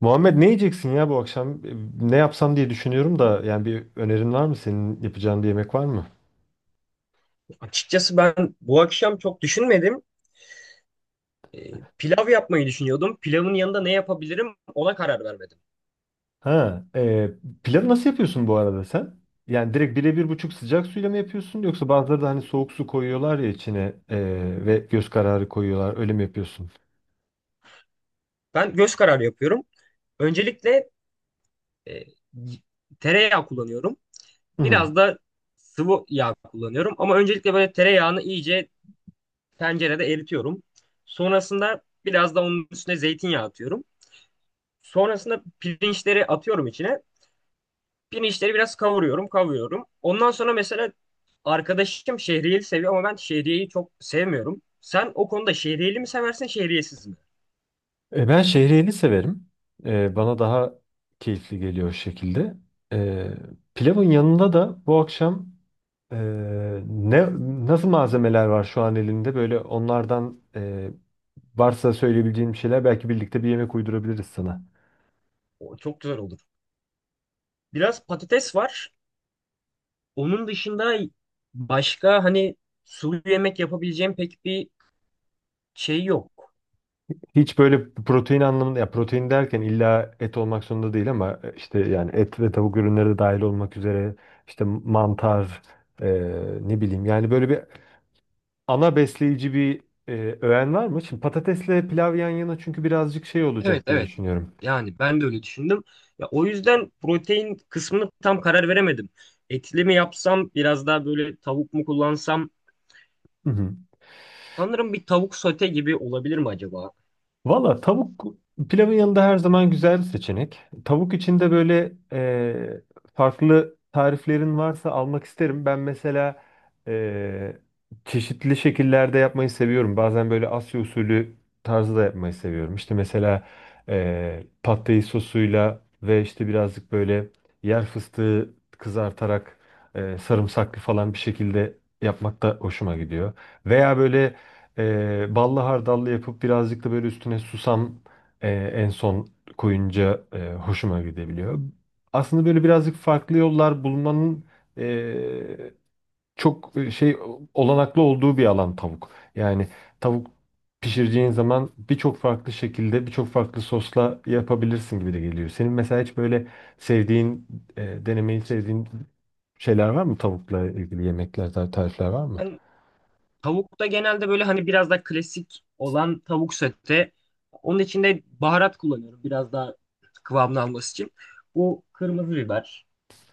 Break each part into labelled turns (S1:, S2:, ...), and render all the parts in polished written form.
S1: Muhammed, ne yiyeceksin ya bu akşam? Ne yapsam diye düşünüyorum da yani bir önerin var mı? Senin yapacağın bir yemek var mı?
S2: Açıkçası ben bu akşam çok düşünmedim. Pilav yapmayı düşünüyordum. Pilavın yanında ne yapabilirim ona karar vermedim.
S1: Ha, e, Pilavı nasıl yapıyorsun bu arada sen? Yani direkt birebir buçuk sıcak suyla mı yapıyorsun, yoksa bazıları da hani soğuk su koyuyorlar ya içine e, ve göz kararı koyuyorlar, öyle mi yapıyorsun?
S2: Ben göz kararı yapıyorum. Öncelikle e, tereyağı kullanıyorum.
S1: Hı hı.
S2: Biraz da sıvı yağ kullanıyorum. Ama öncelikle böyle tereyağını iyice tencerede eritiyorum. Sonrasında biraz da onun üstüne zeytinyağı atıyorum. Sonrasında pirinçleri atıyorum içine. Pirinçleri biraz kavuruyorum, kavuruyorum. Ondan sonra mesela arkadaşım şehriyeli seviyor ama ben şehriyeyi çok sevmiyorum. Sen o konuda şehriyeli mi seversin, şehriyesiz mi?
S1: Ben şehriyeli severim. Bana daha keyifli geliyor o şekilde. E, Pilavın yanında da bu akşam Ee, ne nasıl malzemeler var şu an elinde? Böyle onlardan, varsa söyleyebileceğim bir şeyler, belki birlikte bir yemek uydurabiliriz sana.
S2: O çok güzel olur. Biraz patates var. Onun dışında başka hani sulu yemek yapabileceğim pek bir şey yok.
S1: Hiç böyle protein anlamında, ya protein derken illa et olmak zorunda değil ama işte yani et ve tavuk ürünleri de dahil olmak üzere, işte mantar, e, ne bileyim yani böyle bir ana besleyici bir öğen var mı? Şimdi patatesle pilav yan yana çünkü birazcık şey
S2: Evet,
S1: olacak diye
S2: evet.
S1: düşünüyorum.
S2: Yani ben de öyle düşündüm. Ya o yüzden protein kısmını tam karar veremedim. Etli mi yapsam, biraz daha böyle tavuk mu kullansam?
S1: Hı hı.
S2: Sanırım bir tavuk sote gibi olabilir mi acaba?
S1: Valla tavuk pilavın yanında her zaman güzel bir seçenek. Tavuk içinde böyle farklı tariflerin varsa almak isterim. Ben mesela e, çeşitli şekillerde yapmayı seviyorum. Bazen böyle Asya usulü tarzı da yapmayı seviyorum. İşte mesela pad thai sosuyla ve işte birazcık böyle yer fıstığı kızartarak, sarımsaklı falan bir şekilde yapmak da hoşuma gidiyor. Veya böyle ballı hardallı yapıp birazcık da böyle üstüne susam en son koyunca hoşuma gidebiliyor. Aslında böyle birazcık farklı yollar bulmanın e, çok olanaklı olduğu bir alan tavuk. Yani tavuk pişireceğin zaman birçok farklı şekilde, birçok farklı sosla yapabilirsin gibi de geliyor. Senin mesela hiç böyle sevdiğin, denemeyi sevdiğin şeyler var mı, tavukla ilgili yemekler, tarifler var mı?
S2: Ben Tavukta genelde böyle hani biraz da klasik olan tavuk sote. Onun içinde baharat kullanıyorum biraz daha kıvamını alması için. Bu kırmızı biber,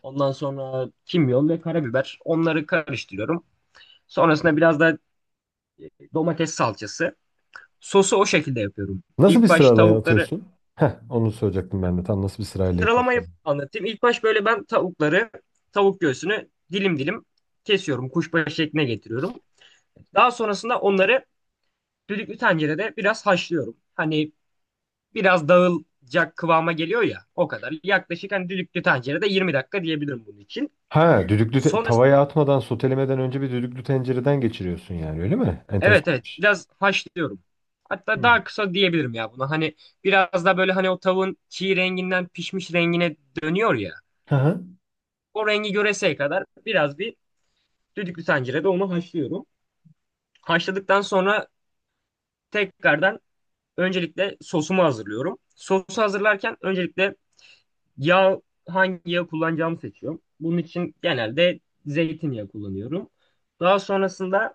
S2: ondan sonra kimyon ve karabiber. Onları karıştırıyorum. Sonrasında biraz da domates salçası. Sosu o şekilde yapıyorum.
S1: Nasıl bir
S2: İlk baş
S1: sırayla
S2: tavukları
S1: atıyorsun? Heh, onu soracaktım ben de. Tam nasıl bir sırayla
S2: Sıralamayı
S1: yapıyorsun?
S2: anlatayım. İlk baş böyle ben tavukları, tavuk göğsünü dilim dilim kesiyorum. Kuşbaşı şekline getiriyorum. Daha sonrasında onları düdüklü tencerede biraz haşlıyorum. Hani biraz dağılacak kıvama geliyor ya o kadar. Yaklaşık hani düdüklü tencerede 20 dakika diyebilirim bunun için.
S1: Ha,
S2: Sonrasında
S1: tavaya atmadan, sotelemeden önce bir düdüklü tencereden geçiriyorsun yani, öyle mi?
S2: evet, evet
S1: Enteresanmış.
S2: biraz haşlıyorum. Hatta
S1: Hı.
S2: daha kısa diyebilirim ya buna. Hani biraz da böyle hani o tavuğun çiğ renginden pişmiş rengine dönüyor ya.
S1: Hı hı.
S2: O rengi göreseye kadar biraz bir düdüklü tencerede onu haşlıyorum. Haşladıktan sonra tekrardan öncelikle sosumu hazırlıyorum. Sosu hazırlarken öncelikle yağ, hangi yağ kullanacağımı seçiyorum. Bunun için genelde zeytinyağı kullanıyorum. Daha sonrasında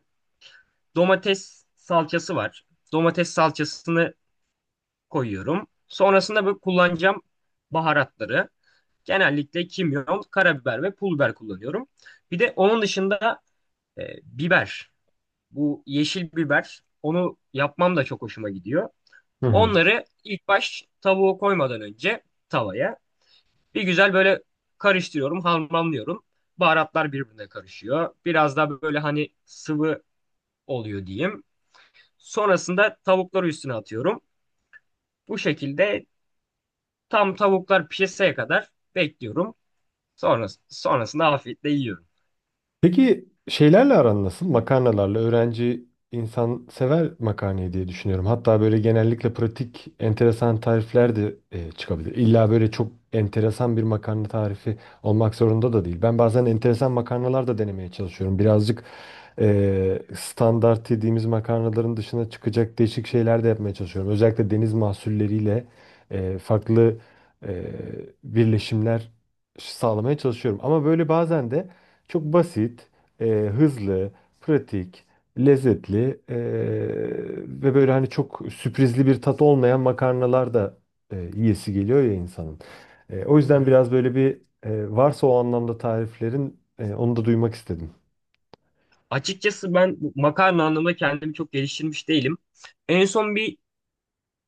S2: domates salçası var. Domates salçasını koyuyorum. Sonrasında bu kullanacağım baharatları. Genellikle kimyon, karabiber ve pul biber kullanıyorum. Bir de onun dışında biber. Bu yeşil biber. Onu yapmam da çok hoşuma gidiyor.
S1: Hı hı.
S2: Onları ilk baş tavuğu koymadan önce tavaya bir güzel böyle karıştırıyorum, harmanlıyorum. Baharatlar birbirine karışıyor. Biraz daha böyle hani sıvı oluyor diyeyim. Sonrasında tavukları üstüne atıyorum. Bu şekilde tam tavuklar pişeseye kadar bekliyorum. Sonrasında afiyetle yiyorum.
S1: Peki şeylerle aran nasıl? Makarnalarla öğrenci insan sever makarnayı diye düşünüyorum. Hatta böyle genellikle pratik, enteresan tarifler de çıkabilir. İlla böyle çok enteresan bir makarna tarifi olmak zorunda da değil. Ben bazen enteresan makarnalar da denemeye çalışıyorum. Birazcık standart dediğimiz makarnaların dışına çıkacak değişik şeyler de yapmaya çalışıyorum. Özellikle deniz mahsulleriyle farklı e, birleşimler sağlamaya çalışıyorum. Ama böyle bazen de çok basit, hızlı, pratik, lezzetli ve böyle hani çok sürprizli bir tat olmayan makarnalar da yiyesi geliyor ya insanın. O
S2: Hı
S1: yüzden
S2: hı.
S1: biraz böyle bir varsa o anlamda tariflerin, onu da duymak istedim.
S2: Açıkçası ben bu makarna anlamında kendimi çok geliştirmiş değilim. En son bir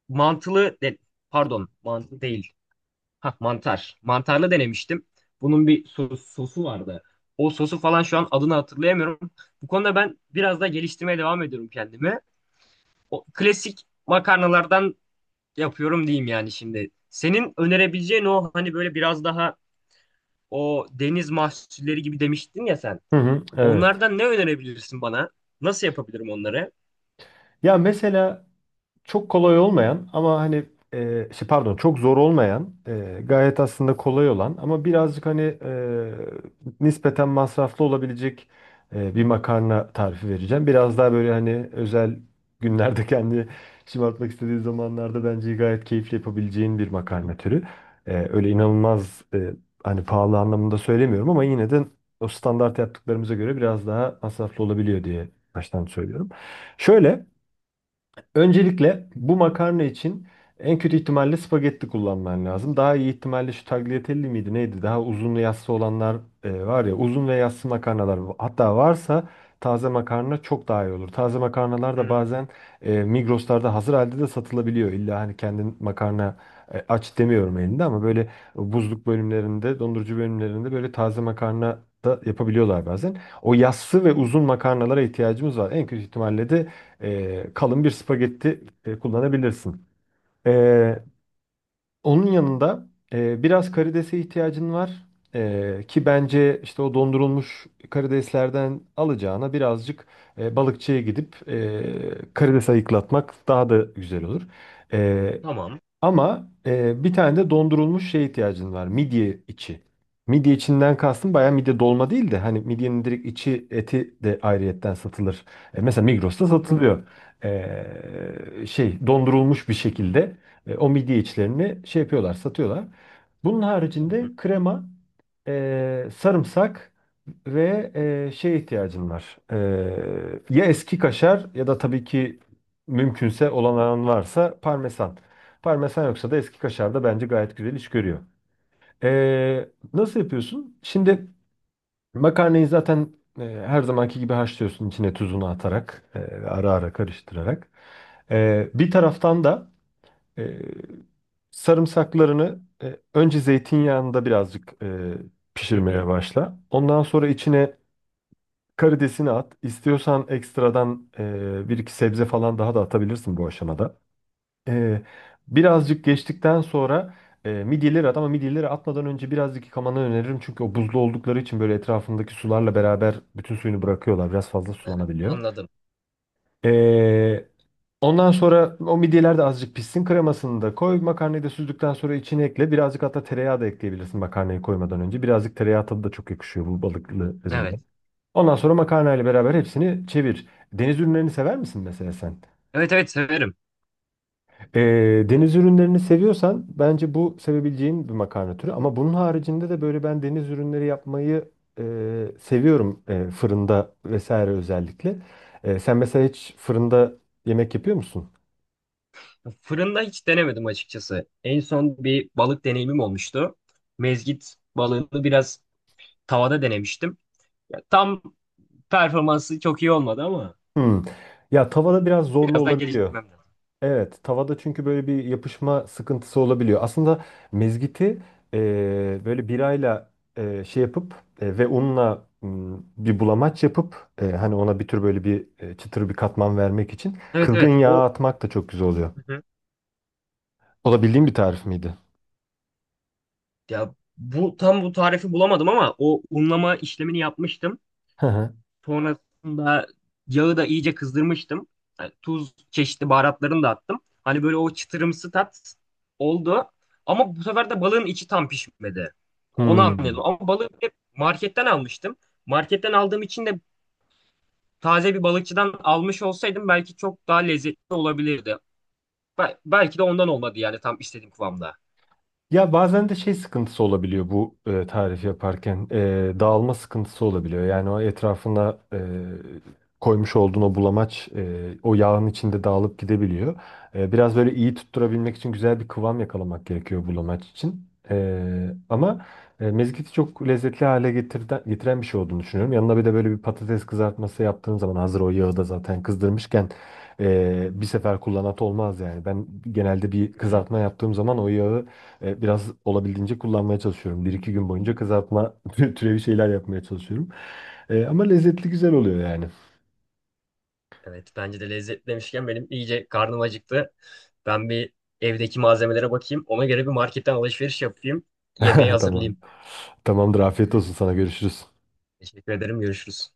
S2: mantılı, de- pardon, mantılı değil. Ha, mantar. Mantarlı denemiştim. Bunun bir sosu vardı. O sosu falan şu an adını hatırlayamıyorum. Bu konuda ben biraz da geliştirmeye devam ediyorum kendimi. O klasik makarnalardan yapıyorum diyeyim yani şimdi. Senin önerebileceğin o hani böyle biraz daha o deniz mahsulleri gibi demiştin ya sen.
S1: Hı hı, evet.
S2: Onlardan ne önerebilirsin bana? Nasıl yapabilirim onları?
S1: Ya mesela çok kolay olmayan ama hani pardon, çok zor olmayan, gayet aslında kolay olan ama birazcık hani nispeten masraflı olabilecek bir makarna tarifi vereceğim. Biraz daha böyle hani özel günlerde kendi şımartmak istediği zamanlarda bence gayet keyifli yapabileceğin bir
S2: Hı.
S1: makarna türü. Öyle inanılmaz hani pahalı anlamında söylemiyorum ama yine de o standart yaptıklarımıza göre biraz daha masraflı olabiliyor diye baştan söylüyorum. Şöyle. Öncelikle bu makarna için en kötü ihtimalle spagetti kullanman lazım. Daha iyi ihtimalle şu tagliatelle miydi neydi? Daha uzun ve yassı olanlar, var ya uzun ve yassı makarnalar. Hatta varsa taze makarna çok daha iyi olur. Taze makarnalar da
S2: Hı.
S1: bazen Migros'larda hazır halde de satılabiliyor. İlla hani kendin makarna aç demiyorum elinde ama böyle buzluk bölümlerinde, dondurucu bölümlerinde böyle taze makarna da yapabiliyorlar bazen. O yassı ve uzun makarnalara ihtiyacımız var. En kötü ihtimalle de kalın bir spagetti kullanabilirsin. E, Onun yanında biraz karidese ihtiyacın var. Ki bence işte o dondurulmuş karideslerden alacağına, birazcık balıkçıya gidip karides ayıklatmak daha da güzel olur. E,
S2: Tamam.
S1: bir tane de dondurulmuş şeye ihtiyacın var. Midye içi. Midye içinden kastım bayağı midye dolma değil de, hani midyenin direkt içi, eti de ayrıyetten satılır. Mesela Migros'ta
S2: Hı.
S1: satılıyor. Şey, dondurulmuş bir şekilde o midye içlerini şey yapıyorlar, satıyorlar. Bunun
S2: Tamam.
S1: haricinde krema, sarımsak ve şeye ihtiyacın var. Ya eski kaşar ya da tabii ki mümkünse olan varsa parmesan. Parmesan yoksa da eski kaşar da bence gayet güzel iş görüyor. Nasıl yapıyorsun? Şimdi makarnayı zaten her zamanki gibi haşlıyorsun, içine tuzunu atarak, ara ara karıştırarak. Bir taraftan da e, sarımsaklarını önce zeytinyağında birazcık
S2: Hı hı.
S1: pişirmeye başla. Ondan sonra içine karidesini at. İstiyorsan ekstradan bir iki sebze falan daha da atabilirsin bu aşamada. Ee, Birazcık geçtikten sonra midyeleri at, ama midyeleri atmadan önce birazcık yıkamanı öneririm. Çünkü o buzlu oldukları için böyle etrafındaki sularla beraber bütün suyunu bırakıyorlar. Biraz fazla
S2: Ee,
S1: sulanabiliyor.
S2: Anladım.
S1: Ee, Ondan sonra o midyeler de azıcık pişsin. Kremasını da koy. Makarnayı da süzdükten sonra içine ekle. Birazcık hatta tereyağı da ekleyebilirsin makarnayı koymadan önce. Birazcık tereyağı tadı da çok yakışıyor bu balıklı
S2: Evet.
S1: üzümde. Ondan sonra makarnayla beraber hepsini çevir. Deniz ürünlerini sever misin mesela sen?
S2: Evet, evet severim.
S1: Deniz ürünlerini seviyorsan bence bu sevebileceğin bir makarna türü. Ama bunun haricinde de böyle ben deniz ürünleri yapmayı seviyorum, fırında vesaire özellikle. Sen mesela hiç fırında yemek yapıyor musun?
S2: Fırında hiç denemedim açıkçası. En son bir balık deneyimim olmuştu. Mezgit balığını biraz tavada denemiştim. Ya, tam performansı çok iyi olmadı ama
S1: Hmm. Ya tavada biraz zorlu
S2: biraz daha
S1: olabiliyor.
S2: geliştirmem lazım.
S1: Evet, tavada çünkü böyle bir yapışma sıkıntısı olabiliyor. Aslında mezgiti böyle birayla yapıp ve unla bir bulamaç yapıp, hani ona bir tür böyle bir çıtır bir katman vermek için
S2: Evet,
S1: kırgın
S2: evet.
S1: yağ
S2: O,
S1: atmak da çok güzel oluyor.
S2: hı hı,
S1: O da bildiğin bir tarif miydi?
S2: ya bu tam, bu tarifi bulamadım ama o unlama işlemini yapmıştım.
S1: Hı hı.
S2: Sonrasında yağı da iyice kızdırmıştım. Yani tuz, çeşitli baharatlarını da attım. Hani böyle o çıtırımsı tat oldu. Ama bu sefer de balığın içi tam pişmedi. Onu anladım.
S1: Hmm.
S2: Ama balığı hep marketten almıştım. Marketten aldığım için de taze bir balıkçıdan almış olsaydım belki çok daha lezzetli olabilirdi. Belki de ondan olmadı yani tam istediğim kıvamda.
S1: Ya bazen de şey sıkıntısı olabiliyor bu tarif yaparken. Dağılma sıkıntısı olabiliyor. Yani o etrafına koymuş olduğun o bulamaç o yağın içinde dağılıp gidebiliyor. Biraz böyle iyi tutturabilmek için güzel bir kıvam yakalamak gerekiyor bulamaç için. E, ama mezgiti çok lezzetli hale getiren bir şey olduğunu düşünüyorum. Yanına bir de böyle bir patates kızartması yaptığın zaman, hazır o yağı da zaten kızdırmışken bir sefer kullanat olmaz yani. Ben genelde bir
S2: Hı, hı.
S1: kızartma yaptığım zaman o yağı biraz olabildiğince kullanmaya çalışıyorum. Bir iki gün boyunca kızartma türevi şeyler yapmaya çalışıyorum. Ama lezzetli, güzel oluyor yani.
S2: Evet, bence de lezzetli demişken benim iyice karnım acıktı. Ben bir evdeki malzemelere bakayım. Ona göre bir marketten alışveriş yapayım. Yemeği hazırlayayım.
S1: Tamam. Tamamdır. Afiyet olsun sana. Görüşürüz.
S2: Teşekkür ederim. Görüşürüz.